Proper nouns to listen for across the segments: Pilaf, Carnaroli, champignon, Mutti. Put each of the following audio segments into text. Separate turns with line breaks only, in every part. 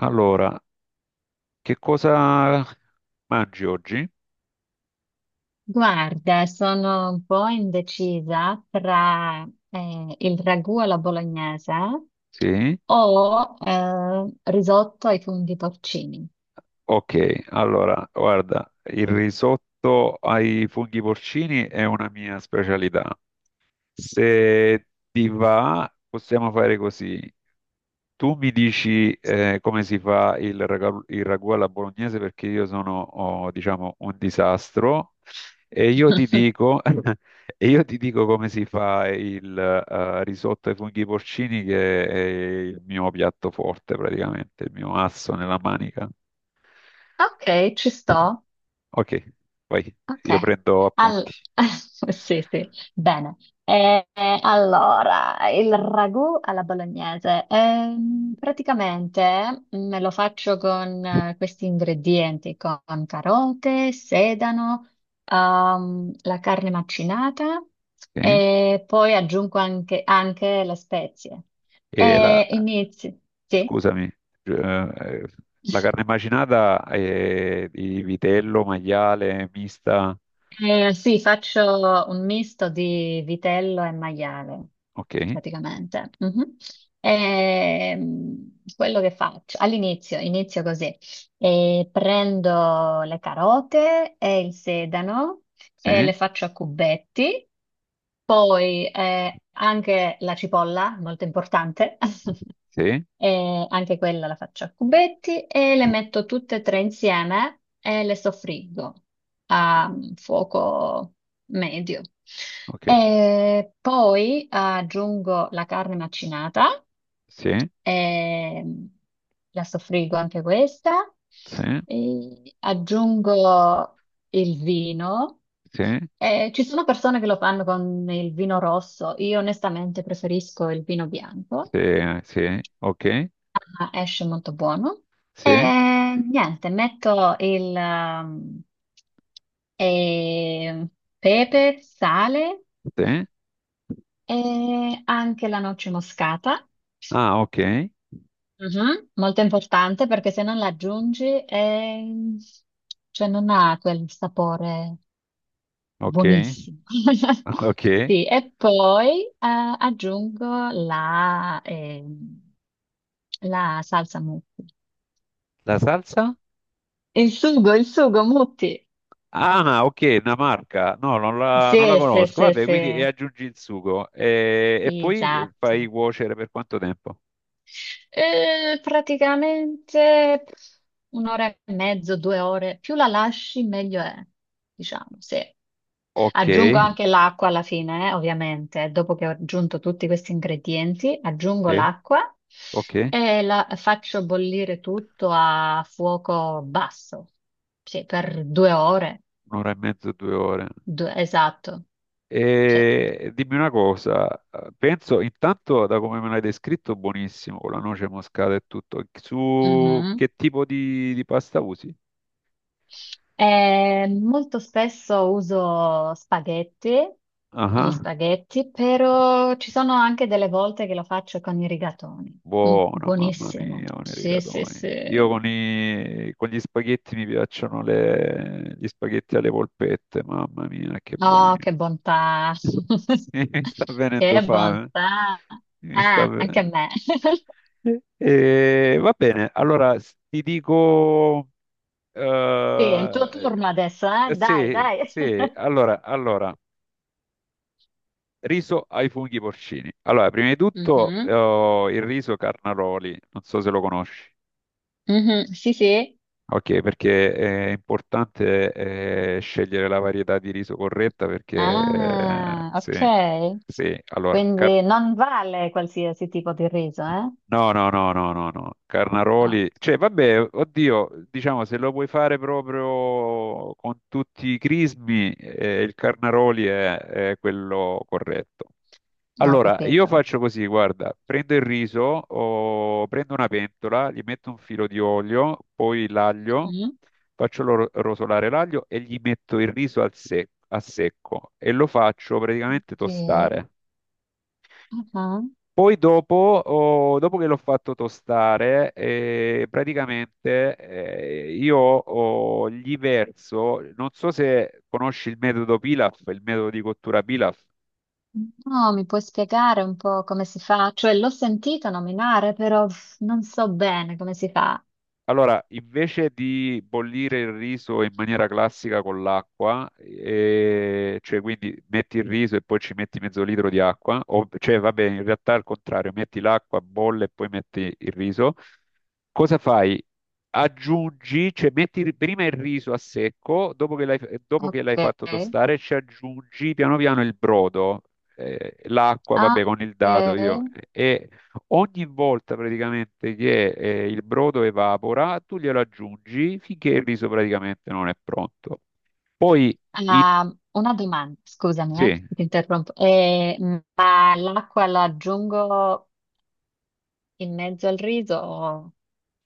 Allora, che cosa mangi oggi?
Guarda, sono un po' indecisa tra il ragù alla bolognese
Sì.
o risotto ai funghi porcini.
Ok, allora, guarda, il risotto ai funghi porcini è una mia specialità. Se ti va, possiamo fare così. Tu mi dici come si fa il il ragù alla bolognese perché io sono, oh, diciamo, un disastro e io ti dico, e io ti dico come si fa il risotto ai funghi porcini che è il mio piatto forte praticamente, il mio asso nella manica.
Ok, ci sto.
Ok, vai,
Ok.
io prendo appunti.
Al- sì, sì, bene. Allora, il ragù alla bolognese. Praticamente me lo faccio con questi ingredienti, con carote, sedano, la carne macinata
Sì.
e poi aggiungo anche, anche le spezie.
E la,
E inizi, sì?
scusami, eh, la carne macinata è di vitello, maiale, mista.
Sì, faccio un misto di vitello e maiale,
Ok,
praticamente. Mhm. Quello che faccio all'inizio, inizio così. Prendo le carote e il sedano e le
sì,
faccio a cubetti, poi anche la cipolla, molto importante.
sì,
E anche quella la faccio a cubetti e le metto tutte e tre insieme e le soffriggo a fuoco medio.
ok,
E poi aggiungo la carne macinata
sì,
e la soffriggo anche questa.
sì,
E aggiungo il vino.
sì,
Ci sono persone che lo fanno con il vino rosso, io onestamente preferisco il vino bianco.
sì, sì, ok,
Ah, esce molto buono. E
sì,
niente, metto il e pepe, sale
sì.
e anche la noce moscata.
Ah, ok,
Mhm. Molto importante perché se non la aggiungi cioè non ha quel sapore
ok,
buonissimo.
ok.
Sì, e poi aggiungo la, la salsa Mutti.
La salsa?
Il sugo Mutti.
Ah, ok, una marca. No, non la
Sì, sì,
conosco.
sì,
Vabbè, quindi e
sì,
aggiungi il sugo e poi fai
esatto.
cuocere per quanto tempo?
Praticamente un'ora e mezzo, due ore, più la lasci meglio è, diciamo, sì.
Ok,
Aggiungo anche l'acqua alla fine, ovviamente, dopo che ho aggiunto tutti questi ingredienti, aggiungo
sì,
l'acqua
ok,
e la faccio bollire tutto a fuoco basso, sì, per due ore.
un'ora e mezzo, 2 ore.
Esatto, sì.
E dimmi una cosa, penso intanto da come me l'hai descritto, buonissimo, con la noce moscata e tutto. Su
Mhm.
che tipo di pasta usi?
Molto spesso uso spaghetti, gli
Ah.
spaghetti, però ci sono anche delle volte che lo faccio con i rigatoni. Mm,
Buona, mamma
buonissimo.
mia, con i
Sì, sì, sì.
rigatoni. Io con gli spaghetti mi piacciono gli spaghetti alle polpette, mamma mia, che
Oh,
buoni.
che bontà.
Sì, mi sta venendo
Che
fame.
bontà.
Mi sta
Ah, anche
venendo.
a me.
Va bene, allora ti dico.
Sì, è il tuo
eh,
turno adesso, eh? Dai,
sì,
dai.
sì, allora, riso ai funghi porcini. Allora, prima di tutto
Mhm,
il riso Carnaroli, non so se lo conosci.
mhm. Sì, sì.
Ok, perché è importante scegliere la varietà di riso corretta perché
Ah, ok.
se- allora, car-
Quindi non vale qualsiasi tipo di riso, eh?
No, no, no, no, no, no.
Ah,
Carnaroli, cioè, vabbè, oddio, diciamo, se lo vuoi fare proprio con tutti i crismi, il Carnaroli è quello corretto.
ho
Allora, io
capito.
faccio così, guarda, prendo il riso, o prendo una pentola, gli metto un filo di olio, poi l'aglio,
Mhm.
faccio rosolare l'aglio e gli metto il riso a secco e lo faccio praticamente
Sì.
tostare.
Ah,
Poi dopo, dopo che l'ho fatto tostare, praticamente io gli verso, non so se conosci il metodo Pilaf, il metodo di cottura Pilaf.
no, mi puoi spiegare un po' come si fa? Cioè, l'ho sentito nominare, però pff, non so bene come si fa.
Allora, invece di bollire il riso in maniera classica con l'acqua, cioè quindi metti il riso e poi ci metti mezzo litro di acqua, o, cioè vabbè, in realtà è al contrario, metti l'acqua, bolle e poi metti il riso, cosa fai? Aggiungi, cioè metti prima il riso a secco, dopo che l'hai
Ok.
fatto tostare, ci aggiungi piano piano il brodo, l'acqua,
Ah,
vabbè, con il dado io,
ok.
e ogni volta praticamente che il brodo evapora, tu glielo aggiungi finché il riso praticamente non è pronto. Poi, i-
Ah, una domanda, scusami,
sì,
ti interrompo. Ma l'acqua la aggiungo in mezzo al riso?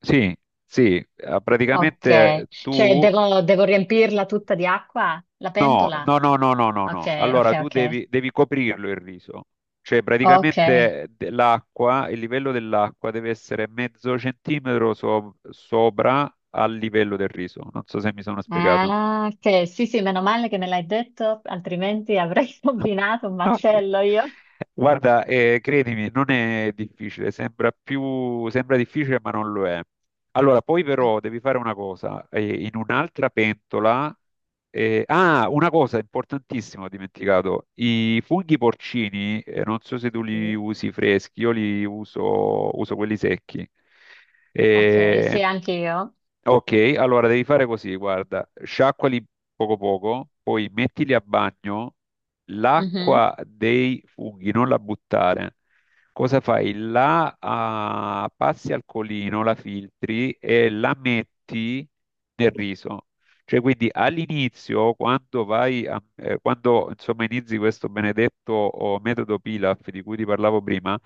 sì, sì,
Ok.
praticamente
Cioè,
tu.
devo, devo riempirla tutta di acqua? La
No,
pentola?
no, no, no, no, no,
Ok,
no.
ok,
Allora tu
ok.
devi coprirlo il riso. Cioè
Ok.
praticamente l'acqua, il livello dell'acqua deve essere mezzo centimetro sopra al livello del riso. Non so se mi sono spiegato.
Ah, ok, sì, sì, meno male che me l'hai detto, altrimenti avrei combinato un
Ok.
macello io.
Guarda, credimi, non è difficile, sembra difficile, ma non lo è. Allora, poi
Ah,
però devi fare una cosa, in un'altra pentola, ah, una cosa importantissima, ho dimenticato, i funghi porcini, non so se tu li
sì.
usi freschi, io uso quelli secchi.
Ok,
Eh,
sì, anche io.
Ok, allora devi fare così, guarda, sciacquali poco poco, poi mettili a bagno,
Mhm,
l'acqua dei funghi non la buttare. Cosa fai? La ah, passi al colino, la filtri e la metti nel riso. Cioè, quindi all'inizio, quando insomma inizi questo benedetto oh, metodo Pilaf di cui ti parlavo prima,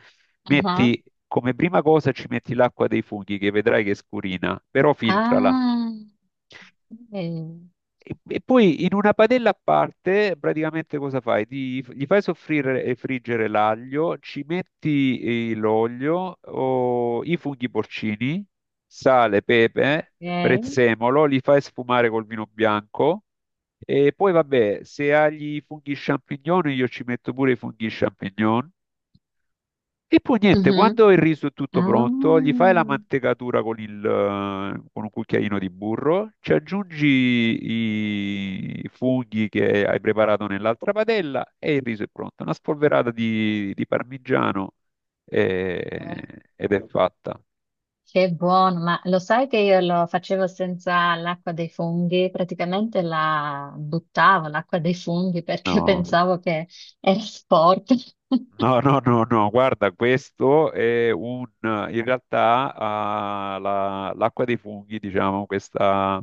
aha.
metti come prima cosa ci metti l'acqua dei funghi che vedrai che scurina, però filtrala.
Ah, ok.
E poi in una padella a parte, praticamente cosa fai? Gli fai soffrire e friggere l'aglio, ci metti l'olio, o i funghi porcini, sale, pepe,
Ok.
prezzemolo, li fai sfumare col vino bianco. E poi vabbè, se hai i funghi champignon, io ci metto pure i funghi champignon. E poi niente,
Mhm.
quando il riso è tutto pronto, gli
Ah,
fai la mantecatura con un cucchiaino di burro, ci aggiungi i funghi che hai preparato nell'altra padella e il riso è pronto. Una spolverata di parmigiano
ok,
ed è fatta.
che buono, ma lo sai che io lo facevo senza l'acqua dei funghi? Praticamente la buttavo l'acqua dei funghi perché
No.
pensavo che era sporca.
No, no, no, no, guarda, questo è un, in realtà, ah, l'acqua dei funghi, diciamo, questa,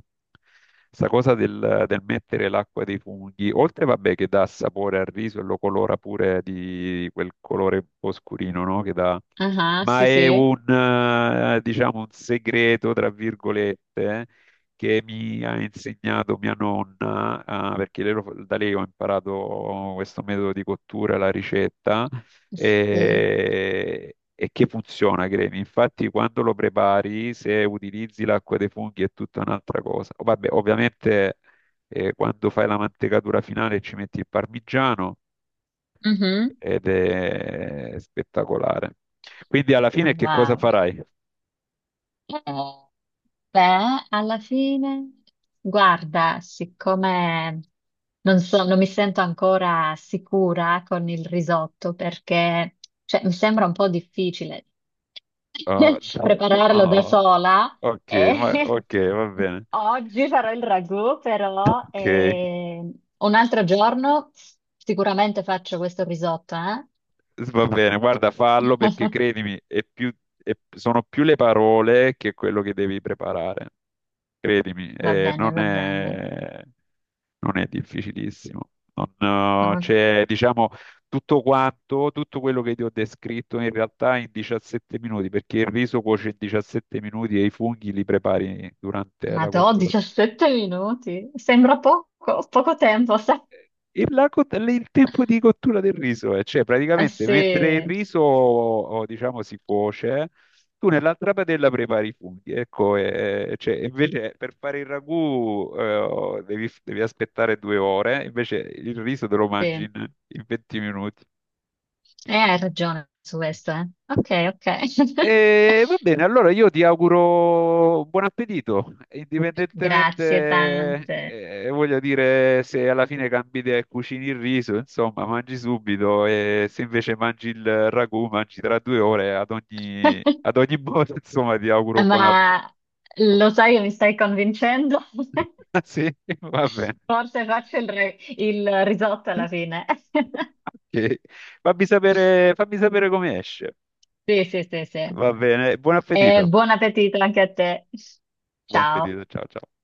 questa cosa del mettere l'acqua dei funghi, oltre, vabbè, che dà sapore al riso e lo colora pure di quel colore un po' scurino, no? Che dà,
Ah,
ma
sì,
è
sì.
un, diciamo, un segreto, tra virgolette, che mi ha insegnato mia nonna, ah, perché lei da lei ho imparato questo metodo di cottura, la ricetta
Sì.
e che funziona, cremi. Infatti, quando lo prepari, se utilizzi l'acqua dei funghi è tutta un'altra cosa. Oh, vabbè, ovviamente, quando fai la mantecatura finale ci metti il parmigiano
Mhm.
ed è spettacolare. Quindi, alla fine, che cosa
Wow.
farai?
Eh, Beh, alla fine, guarda, siccome non so, non mi sento ancora sicura con il risotto perché cioè, mi sembra un po' difficile
Oh, no.
prepararlo da
Oh,
sola.
ok,
E
ok, va bene.
oggi farò il ragù, però
Ok,
un altro giorno sicuramente faccio questo risotto, eh?
va bene, guarda, fallo perché credimi, sono più le parole che quello che devi preparare. Credimi,
Va bene,
non
va bene.
è, non è difficilissimo. Non,
Ok.
c'è, diciamo, tutto quello che ti ho descritto in realtà in 17 minuti, perché il riso cuoce in 17 minuti e i funghi li prepari durante la
Madò,
cottura.
17 minuti, sembra poco, poco tempo, sai?
Il tempo di cottura del riso, cioè
Ah,
praticamente
sì,
mentre il riso, o, diciamo, si cuoce, tu nell'altra padella prepari i funghi. Ecco, cioè, invece per fare il ragù devi aspettare 2 ore, invece il riso te lo
sì,
mangi in 20 minuti.
hai ragione su questo, eh. Ok, ok.
E va bene, allora io ti auguro buon appetito,
Grazie
indipendentemente,
tante.
voglio dire, se alla fine cambi idea e cucini il riso, insomma, mangi subito e se invece mangi il ragù, mangi tra 2 ore, ad ogni, ad ogni modo, insomma, ti auguro buon appetito.
Ma lo sai che mi stai convincendo?
Sì, va bene.
Forse faccio il, il risotto alla fine.
Ok. Fammi sapere come esce.
Sì, sì, sì, sì.
Va bene, buon
E
appetito.
buon appetito anche a te.
Buon
Ciao.
appetito, ciao ciao.